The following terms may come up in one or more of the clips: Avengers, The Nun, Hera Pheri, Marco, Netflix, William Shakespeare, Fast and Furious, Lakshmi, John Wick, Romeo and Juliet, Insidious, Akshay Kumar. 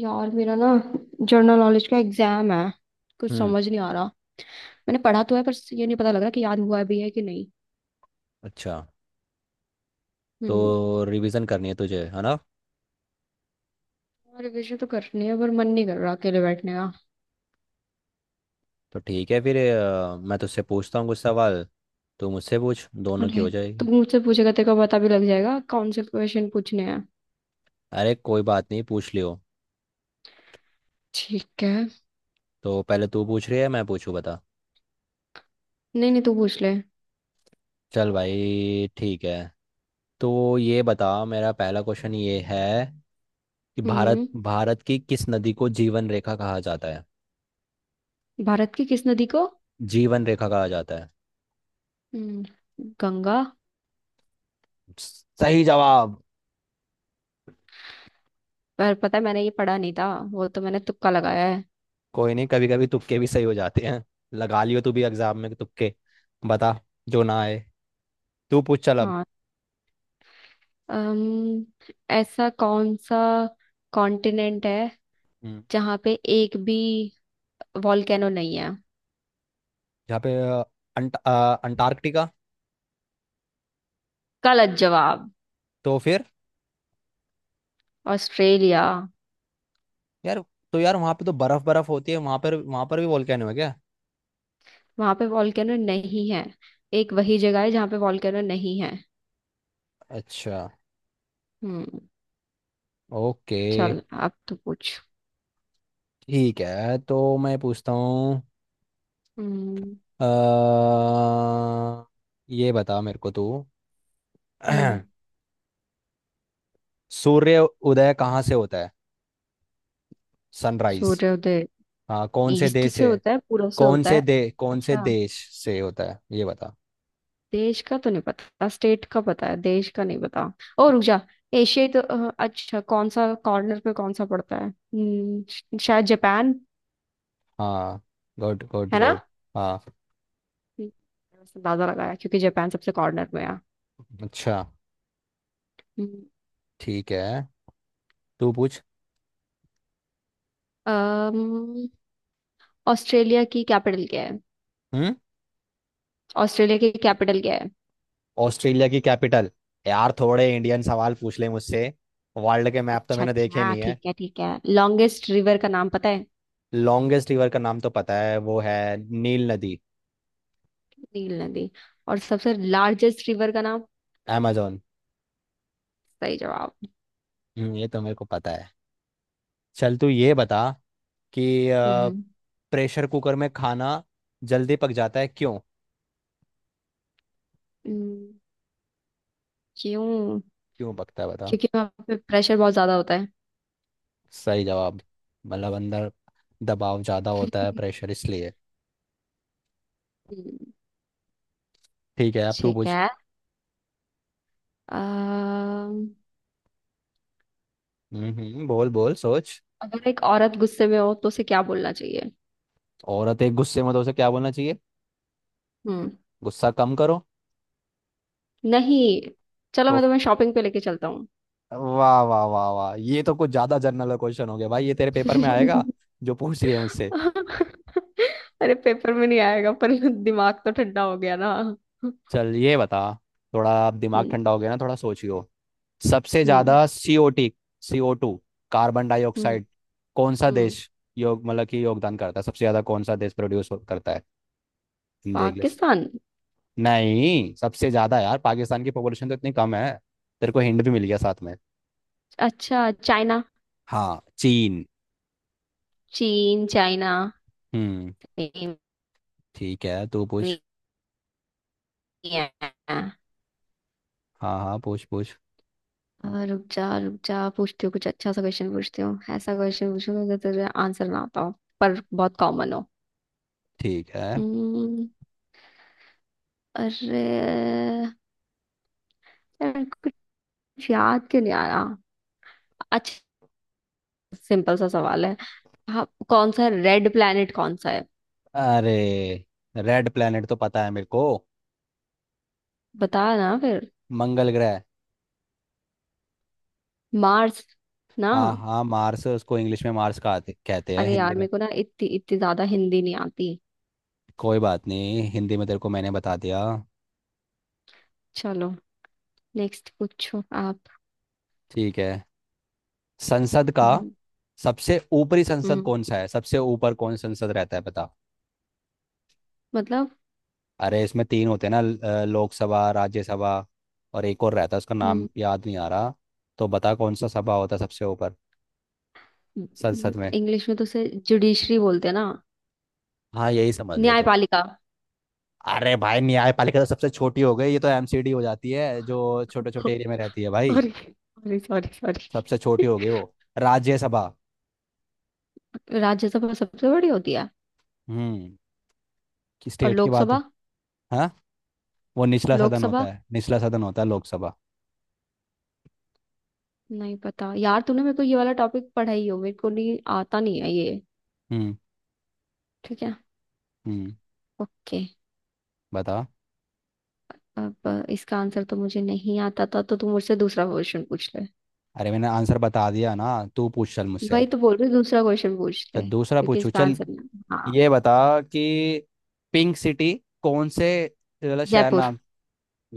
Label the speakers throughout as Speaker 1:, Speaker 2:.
Speaker 1: यार मेरा ना जनरल नॉलेज का एग्जाम है। कुछ
Speaker 2: हम्म।
Speaker 1: समझ नहीं आ रहा। मैंने पढ़ा तो है पर ये नहीं पता लग रहा कि याद हुआ भी है कि नहीं।
Speaker 2: अच्छा।
Speaker 1: हम्म।
Speaker 2: तो रिवीजन करनी है तुझे, है ना।
Speaker 1: और रिविजन तो करनी है पर मन नहीं कर रहा अकेले बैठने का।
Speaker 2: तो ठीक है फिर मैं तुझसे पूछता हूँ कुछ सवाल। तू मुझसे पूछ, दोनों की
Speaker 1: अरे,
Speaker 2: हो जाएगी।
Speaker 1: तू मुझसे पूछेगा तेरे को पता भी लग जाएगा कौन से क्वेश्चन पूछने हैं।
Speaker 2: अरे कोई बात नहीं, पूछ लियो।
Speaker 1: ठीक है।
Speaker 2: तो पहले तू पूछ रही है मैं पूछूँ, बता।
Speaker 1: नहीं नहीं, तू पूछ ले।
Speaker 2: चल भाई ठीक है। तो ये बता, मेरा पहला क्वेश्चन ये है कि भारत
Speaker 1: हम्म।
Speaker 2: भारत की किस नदी को जीवन रेखा कहा जाता है।
Speaker 1: भारत की किस नदी को?
Speaker 2: जीवन रेखा कहा जाता है।
Speaker 1: हम्म। गंगा।
Speaker 2: सही जवाब।
Speaker 1: पर पता है मैंने ये पढ़ा नहीं था। वो तो मैंने तुक्का लगाया है।
Speaker 2: कोई नहीं, कभी कभी तुक्के भी सही हो जाते हैं। लगा लियो तू भी एग्जाम में तुक्के। बता, जो ना आए। तू पूछ चल अब।
Speaker 1: हाँ। अम्म ऐसा कौन सा कॉन्टिनेंट है
Speaker 2: हम्म।
Speaker 1: जहां पे एक भी वॉल्केनो नहीं है?
Speaker 2: यहाँ पे अंट, अ, अंटार्कटिका।
Speaker 1: गलत जवाब।
Speaker 2: तो फिर
Speaker 1: ऑस्ट्रेलिया।
Speaker 2: यार, तो यार वहाँ पे तो बर्फ बर्फ होती है, वहाँ पर भी वोल्केनो है क्या।
Speaker 1: वहां पे वॉल्केनो नहीं है। एक वही जगह है जहां पे वॉल्केनो नहीं है।
Speaker 2: अच्छा।
Speaker 1: हम्म।
Speaker 2: ओके।
Speaker 1: चल अब तो पूछ।
Speaker 2: ठीक है तो मैं पूछता हूँ।
Speaker 1: हम्म।
Speaker 2: अ, ये बता मेरे को तू।
Speaker 1: हम्म।
Speaker 2: सूर्य उदय कहाँ से होता है, सनराइज।
Speaker 1: सूर्योदय।
Speaker 2: हाँ, कौन से
Speaker 1: ईस्ट
Speaker 2: देश
Speaker 1: से
Speaker 2: से।
Speaker 1: होता है पूर्व से होता है।
Speaker 2: कौन से
Speaker 1: अच्छा।
Speaker 2: देश से होता है ये बता।
Speaker 1: देश का तो नहीं पता, स्टेट का पता है, देश का नहीं पता। ओ रुक जा। एशिया ही तो अच्छा, कौन सा कॉर्नर पे कौन सा पड़ता है, शायद जापान।
Speaker 2: हाँ, गुड गुड
Speaker 1: है ना?
Speaker 2: गुड। हाँ।
Speaker 1: हम्म। मैंने उससे अंदाजा लगाया क्योंकि जापान सबसे कॉर्नर में है।
Speaker 2: अच्छा।
Speaker 1: हम्म।
Speaker 2: ठीक है तू पूछ।
Speaker 1: अम्म, ऑस्ट्रेलिया की कैपिटल क्या है?
Speaker 2: हम्म।
Speaker 1: ऑस्ट्रेलिया की कैपिटल क्या है?
Speaker 2: ऑस्ट्रेलिया की कैपिटल। यार थोड़े इंडियन सवाल पूछ ले मुझसे, वर्ल्ड के मैप तो
Speaker 1: अच्छा
Speaker 2: मैंने देखे
Speaker 1: अच्छा,
Speaker 2: नहीं है।
Speaker 1: ठीक है ठीक है। लॉन्गेस्ट रिवर का नाम पता है?
Speaker 2: लॉन्गेस्ट रिवर का नाम तो पता है, वो है नील नदी।
Speaker 1: नील नदी। और सबसे लार्जेस्ट रिवर का नाम?
Speaker 2: amazon।
Speaker 1: सही जवाब।
Speaker 2: हम्म, ये तो मेरे को पता है। चल तू ये बता कि
Speaker 1: हम्म।
Speaker 2: प्रेशर कुकर में खाना जल्दी पक जाता है क्यों।
Speaker 1: हम्म, क्यों?
Speaker 2: क्यों पकता है बता।
Speaker 1: क्योंकि वहाँ पे प्रेशर बहुत ज्यादा होता है।
Speaker 2: सही जवाब। मतलब अंदर दबाव ज़्यादा होता है प्रेशर, इसलिए।
Speaker 1: हम्म।
Speaker 2: ठीक है, अब तू
Speaker 1: ठीक
Speaker 2: पूछ।
Speaker 1: है। अम्म,
Speaker 2: बोल बोल सोच।
Speaker 1: अगर एक औरत गुस्से में हो तो उसे क्या बोलना चाहिए?
Speaker 2: औरत एक गुस्से में तो उसे क्या बोलना चाहिए।
Speaker 1: हम्म।
Speaker 2: गुस्सा कम करो।
Speaker 1: नहीं। चलो,
Speaker 2: तो
Speaker 1: मैं तुम्हें शॉपिंग पे लेके चलता।
Speaker 2: वाह वाह वाह वाह, ये तो कुछ ज्यादा जनरल क्वेश्चन हो गया भाई, ये तेरे पेपर में आएगा जो पूछ रही है मुझसे।
Speaker 1: अरे पेपर में नहीं आएगा पर दिमाग तो ठंडा हो गया ना। हम्म।
Speaker 2: चल ये बता, थोड़ा अब दिमाग ठंडा हो गया ना, थोड़ा सोचियो। सबसे
Speaker 1: हम्म
Speaker 2: ज्यादा सीओटी, सीओ टू, कार्बन
Speaker 1: हम्म
Speaker 2: डाइऑक्साइड कौन सा
Speaker 1: हम्म।
Speaker 2: देश योग मतलब कि योगदान करता है, सबसे ज्यादा कौन सा देश प्रोड्यूस करता है। देख ले।
Speaker 1: पाकिस्तान।
Speaker 2: नहीं, सबसे ज्यादा यार पाकिस्तान की पॉपुलेशन तो इतनी कम है। तेरे को हिंट भी मिल गया साथ में।
Speaker 1: अच्छा, चाइना।
Speaker 2: हाँ चीन।
Speaker 1: चीन चाइना।
Speaker 2: हम्म। ठीक है तू पूछ।
Speaker 1: हाँ।
Speaker 2: हाँ हाँ पूछ पूछ।
Speaker 1: रुक जा रुक जा, पूछती हूँ कुछ अच्छा सा क्वेश्चन, पूछती हूँ ऐसा क्वेश्चन पूछूंगा जो तुझे आंसर ना आता हो पर बहुत कॉमन हो।
Speaker 2: ठीक है।
Speaker 1: हम्म। अरे यार, कुछ याद क्यों नहीं आ रहा? अच्छा, सिंपल सा सवाल है। हाँ, कौन सा रेड प्लैनेट कौन सा?
Speaker 2: अरे, रेड प्लेनेट तो पता है मेरे को।
Speaker 1: बता ना फिर।
Speaker 2: मंगल ग्रह।
Speaker 1: मार्स। ना।
Speaker 2: हाँ हाँ मार्स, उसको इंग्लिश में मार्स कहते कहते हैं
Speaker 1: अरे
Speaker 2: हिंदी
Speaker 1: यार
Speaker 2: में।
Speaker 1: मेरे को ना इतनी इतनी ज्यादा हिंदी नहीं आती।
Speaker 2: कोई बात नहीं, हिंदी में तेरे को मैंने बता दिया।
Speaker 1: चलो। नेक्स्ट पूछो आप।
Speaker 2: ठीक है। संसद का
Speaker 1: हम्म।
Speaker 2: सबसे ऊपरी संसद
Speaker 1: हम्म,
Speaker 2: कौन सा है, सबसे ऊपर कौन संसद रहता है बता।
Speaker 1: मतलब।
Speaker 2: अरे इसमें तीन होते हैं ना, लोकसभा राज्यसभा और एक और रहता है, उसका
Speaker 1: हम्म।
Speaker 2: नाम याद नहीं आ रहा। तो बता कौन सा सभा होता है सबसे ऊपर संसद में।
Speaker 1: इंग्लिश में तो उसे जुडिशरी बोलते हैं ना?
Speaker 2: हाँ यही समझ ले तू।
Speaker 1: न्यायपालिका।
Speaker 2: अरे भाई न्यायपालिका तो सबसे छोटी हो गई, ये तो एमसीडी हो जाती है जो छोटे छोटे एरिया में रहती है भाई।
Speaker 1: Sorry sorry sorry sorry.
Speaker 2: सबसे छोटी हो गई वो। राज्यसभा।
Speaker 1: राज्यसभा सबसे बड़ी होती है।
Speaker 2: हम्म। कि
Speaker 1: और
Speaker 2: स्टेट की बात।
Speaker 1: लोकसभा।
Speaker 2: हाँ, वो निचला सदन होता
Speaker 1: लोकसभा।
Speaker 2: है, निचला सदन होता है लोकसभा।
Speaker 1: नहीं पता यार, तूने मेरे को ये वाला टॉपिक पढ़ाई हो, मेरे को नहीं आता नहीं है ये।
Speaker 2: हम्म।
Speaker 1: ठीक है।
Speaker 2: हम्म।
Speaker 1: ओके।
Speaker 2: बता।
Speaker 1: अब इसका आंसर तो मुझे नहीं आता था तो तू मुझसे दूसरा क्वेश्चन पूछ ले।
Speaker 2: अरे मैंने आंसर बता दिया ना। तू पूछ चल मुझसे अब।
Speaker 1: वही तो बोल रही हूँ, दूसरा क्वेश्चन पूछ
Speaker 2: चल
Speaker 1: ले
Speaker 2: दूसरा
Speaker 1: क्योंकि
Speaker 2: पूछू
Speaker 1: इसका
Speaker 2: चल।
Speaker 1: आंसर ना। हाँ।
Speaker 2: ये बता कि पिंक सिटी कौन से वाला शहर
Speaker 1: जयपुर।
Speaker 2: नाम।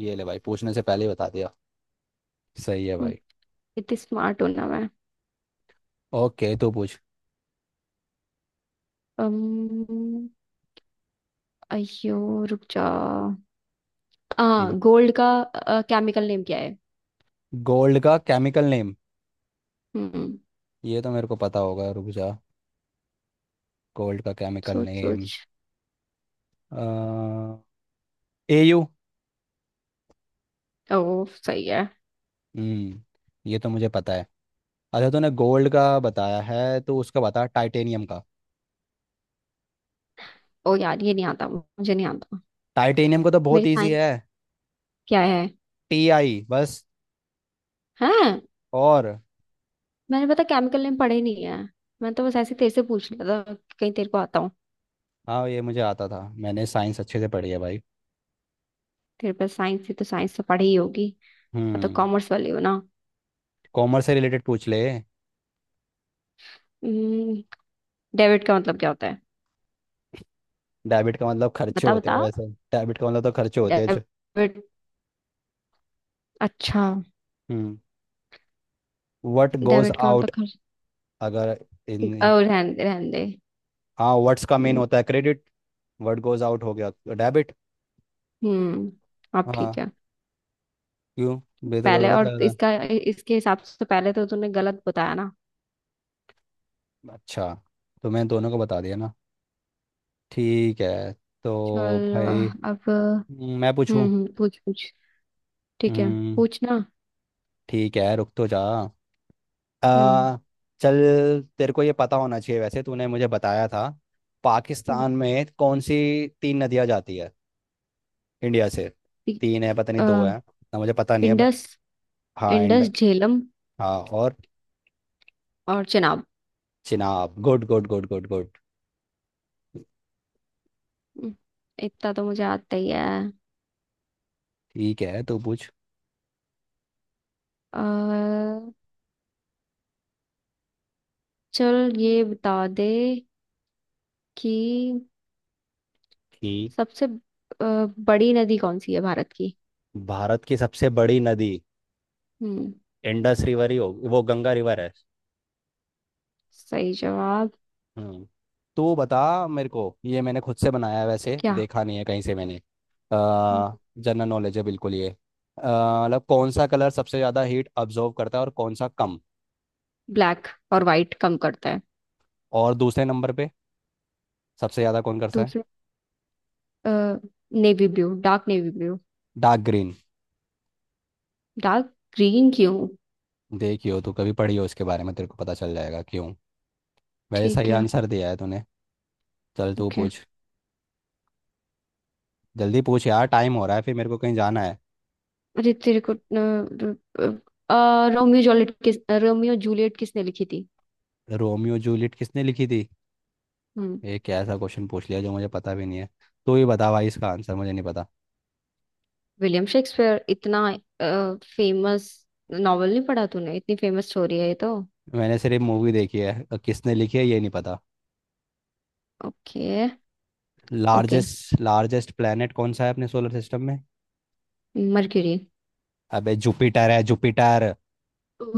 Speaker 2: ये ले भाई, पूछने से पहले ही बता दिया। सही है
Speaker 1: हम्म,
Speaker 2: भाई।
Speaker 1: इतनी स्मार्ट हूं ना मैं।
Speaker 2: ओके तू पूछ।
Speaker 1: अम्म, अयो रुक जा। आ
Speaker 2: ठीक
Speaker 1: गोल्ड का केमिकल नेम क्या है?
Speaker 2: है। गोल्ड का केमिकल नेम।
Speaker 1: हम्म।
Speaker 2: ये तो मेरे को पता होगा, रुक जा। गोल्ड का केमिकल
Speaker 1: सोच सोच।
Speaker 2: Name A.
Speaker 1: ओ सही है।
Speaker 2: हम्म, ये तो मुझे पता है। अच्छा तूने गोल्ड का बताया है तो उसका बता टाइटेनियम का।
Speaker 1: ओ यार, ये नहीं आता, मुझे नहीं आता।
Speaker 2: टाइटेनियम का तो
Speaker 1: मेरी
Speaker 2: बहुत इजी
Speaker 1: साइंस
Speaker 2: है,
Speaker 1: क्या है?
Speaker 2: Ti बस।
Speaker 1: हैं?
Speaker 2: और।
Speaker 1: मैंने पता केमिकल नेम पढ़े नहीं है। मैं तो बस ऐसे ही तेरे से पूछ लिया था, कहीं तेरे को आता हो।
Speaker 2: हाँ ये मुझे आता था, मैंने साइंस अच्छे से पढ़ी है भाई।
Speaker 1: तेरे पास साइंस है तो साइंस तो पढ़ी ही होगी। मैं तो
Speaker 2: हम्म।
Speaker 1: कॉमर्स वाली हूँ ना।
Speaker 2: कॉमर्स से रिलेटेड पूछ ले।
Speaker 1: डेबिट का मतलब क्या होता है?
Speaker 2: डेबिट का मतलब खर्चे
Speaker 1: बता
Speaker 2: होते हैं,
Speaker 1: बता।
Speaker 2: वैसे डेबिट का मतलब तो खर्चे होते हैं जो।
Speaker 1: डेबिट। अच्छा।
Speaker 2: हम्म, व्हाट गोज
Speaker 1: डेबिट का मतलब
Speaker 2: आउट।
Speaker 1: खर्च।
Speaker 2: अगर इन।
Speaker 1: और रहने दे रहने दे।
Speaker 2: हाँ व्हाट्स का मेन
Speaker 1: हम्म।
Speaker 2: होता है क्रेडिट, व्हाट गोज आउट हो गया डेबिट।
Speaker 1: हम्म, अब
Speaker 2: हाँ।
Speaker 1: ठीक है।
Speaker 2: क्यों, बेहतर को
Speaker 1: पहले
Speaker 2: गलत
Speaker 1: और
Speaker 2: लग रहा
Speaker 1: इसका इसके हिसाब से तो पहले तो तूने गलत बताया ना।
Speaker 2: है। अच्छा, तो मैंने दोनों को बता दिया ना। ठीक है। तो
Speaker 1: चलो।
Speaker 2: भाई।
Speaker 1: अब हम्म।
Speaker 2: मैं पूछूं।
Speaker 1: पूछ पूछ। ठीक है।
Speaker 2: हम्म,
Speaker 1: पूछना।
Speaker 2: ठीक है रुक तो जा।
Speaker 1: हम्म।
Speaker 2: आ, चल तेरे को ये पता होना चाहिए वैसे, तूने मुझे बताया था।
Speaker 1: हम्म,
Speaker 2: पाकिस्तान में कौन सी तीन नदियां जाती है इंडिया से।
Speaker 1: ठीक,
Speaker 2: तीन है पता नहीं,
Speaker 1: अ,
Speaker 2: दो है ना मुझे पता नहीं है बट।
Speaker 1: इंडस।
Speaker 2: हाँ एंड।
Speaker 1: इंडस झेलम
Speaker 2: हाँ और।
Speaker 1: और Chenab.
Speaker 2: Chenab, good good good good good.
Speaker 1: हम्म, इतना तो मुझे आता ही है।
Speaker 2: ठीक है तू पूछ।
Speaker 1: आ, चल ये बता दे कि
Speaker 2: कि
Speaker 1: सबसे बड़ी नदी कौन सी है भारत की?
Speaker 2: भारत की सबसे बड़ी नदी,
Speaker 1: हम्म।
Speaker 2: इंडस रिवर ही हो, वो गंगा रिवर है।
Speaker 1: सही जवाब।
Speaker 2: हम्म। तू बता। मेरे को ये मैंने खुद से बनाया है वैसे,
Speaker 1: क्या?
Speaker 2: देखा नहीं है कहीं से मैंने, जनरल नॉलेज है बिल्कुल ये। मतलब कौन सा कलर सबसे ज़्यादा हीट अब्जॉर्व करता है और कौन सा कम।
Speaker 1: ब्लैक। और वाइट कम करता है।
Speaker 2: और दूसरे नंबर पे सबसे ज़्यादा कौन करता है।
Speaker 1: दूसरा। Navy blue dark navy blue.
Speaker 2: Dark green.
Speaker 1: Dark green क्यों?
Speaker 2: देखियो तू कभी पढ़ी हो इसके बारे में तेरे को पता चल जाएगा क्यों। वैसे
Speaker 1: ठीक
Speaker 2: सही
Speaker 1: है।
Speaker 2: आंसर दिया है तूने। चल तू
Speaker 1: ओके।
Speaker 2: पूछ। जल्दी पूछ यार, टाइम हो रहा है, फिर मेरे को कहीं जाना है।
Speaker 1: अरे तेरे को रोमियो जूलियट किस रोमियो जूलियट किसने लिखी थी?
Speaker 2: रोमियो जूलियट किसने लिखी थी।
Speaker 1: हम्म।
Speaker 2: ये कैसा क्वेश्चन पूछ लिया जो मुझे पता भी नहीं है। तू ही बता भाई, इसका आंसर मुझे नहीं पता।
Speaker 1: William Shakespeare. इतना फेमस नॉवल नहीं पढ़ा तूने, इतनी फेमस स्टोरी है ये तो।
Speaker 2: मैंने सिर्फ मूवी देखी है, किसने लिखी है ये नहीं पता।
Speaker 1: Okay. Okay.
Speaker 2: Largest largest planet कौन सा है अपने सोलर सिस्टम में।
Speaker 1: मर्क्यूरी।
Speaker 2: अबे जुपिटर है जुपिटर।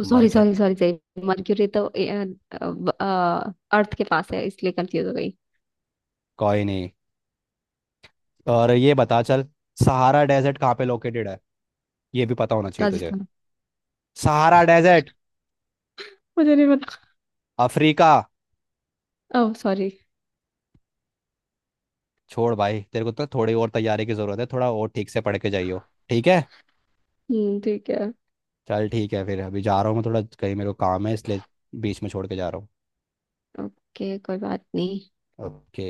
Speaker 1: सॉरी
Speaker 2: मरकर।
Speaker 1: Sorry sorry sorry. मर्क्यूरी तो अर्थ के पास है इसलिए कंफ्यूज हो गई।
Speaker 2: कोई नहीं। और ये बता चल, सहारा डेजर्ट कहाँ पे लोकेटेड है, ये भी पता होना चाहिए तुझे।
Speaker 1: राजस्थान।
Speaker 2: सहारा डेजर्ट
Speaker 1: मुझे नहीं पता।
Speaker 2: अफ्रीका।
Speaker 1: Oh sorry.
Speaker 2: छोड़ भाई, तेरे को तो थोड़ी और तैयारी की जरूरत है, थोड़ा और ठीक से पढ़ के जाइयो, ठीक है।
Speaker 1: ठीक है।
Speaker 2: चल ठीक है फिर, अभी जा रहा हूँ मैं थोड़ा कहीं, मेरे को काम है इसलिए बीच में छोड़ के जा रहा हूँ।
Speaker 1: ओके कोई बात नहीं।
Speaker 2: ओके।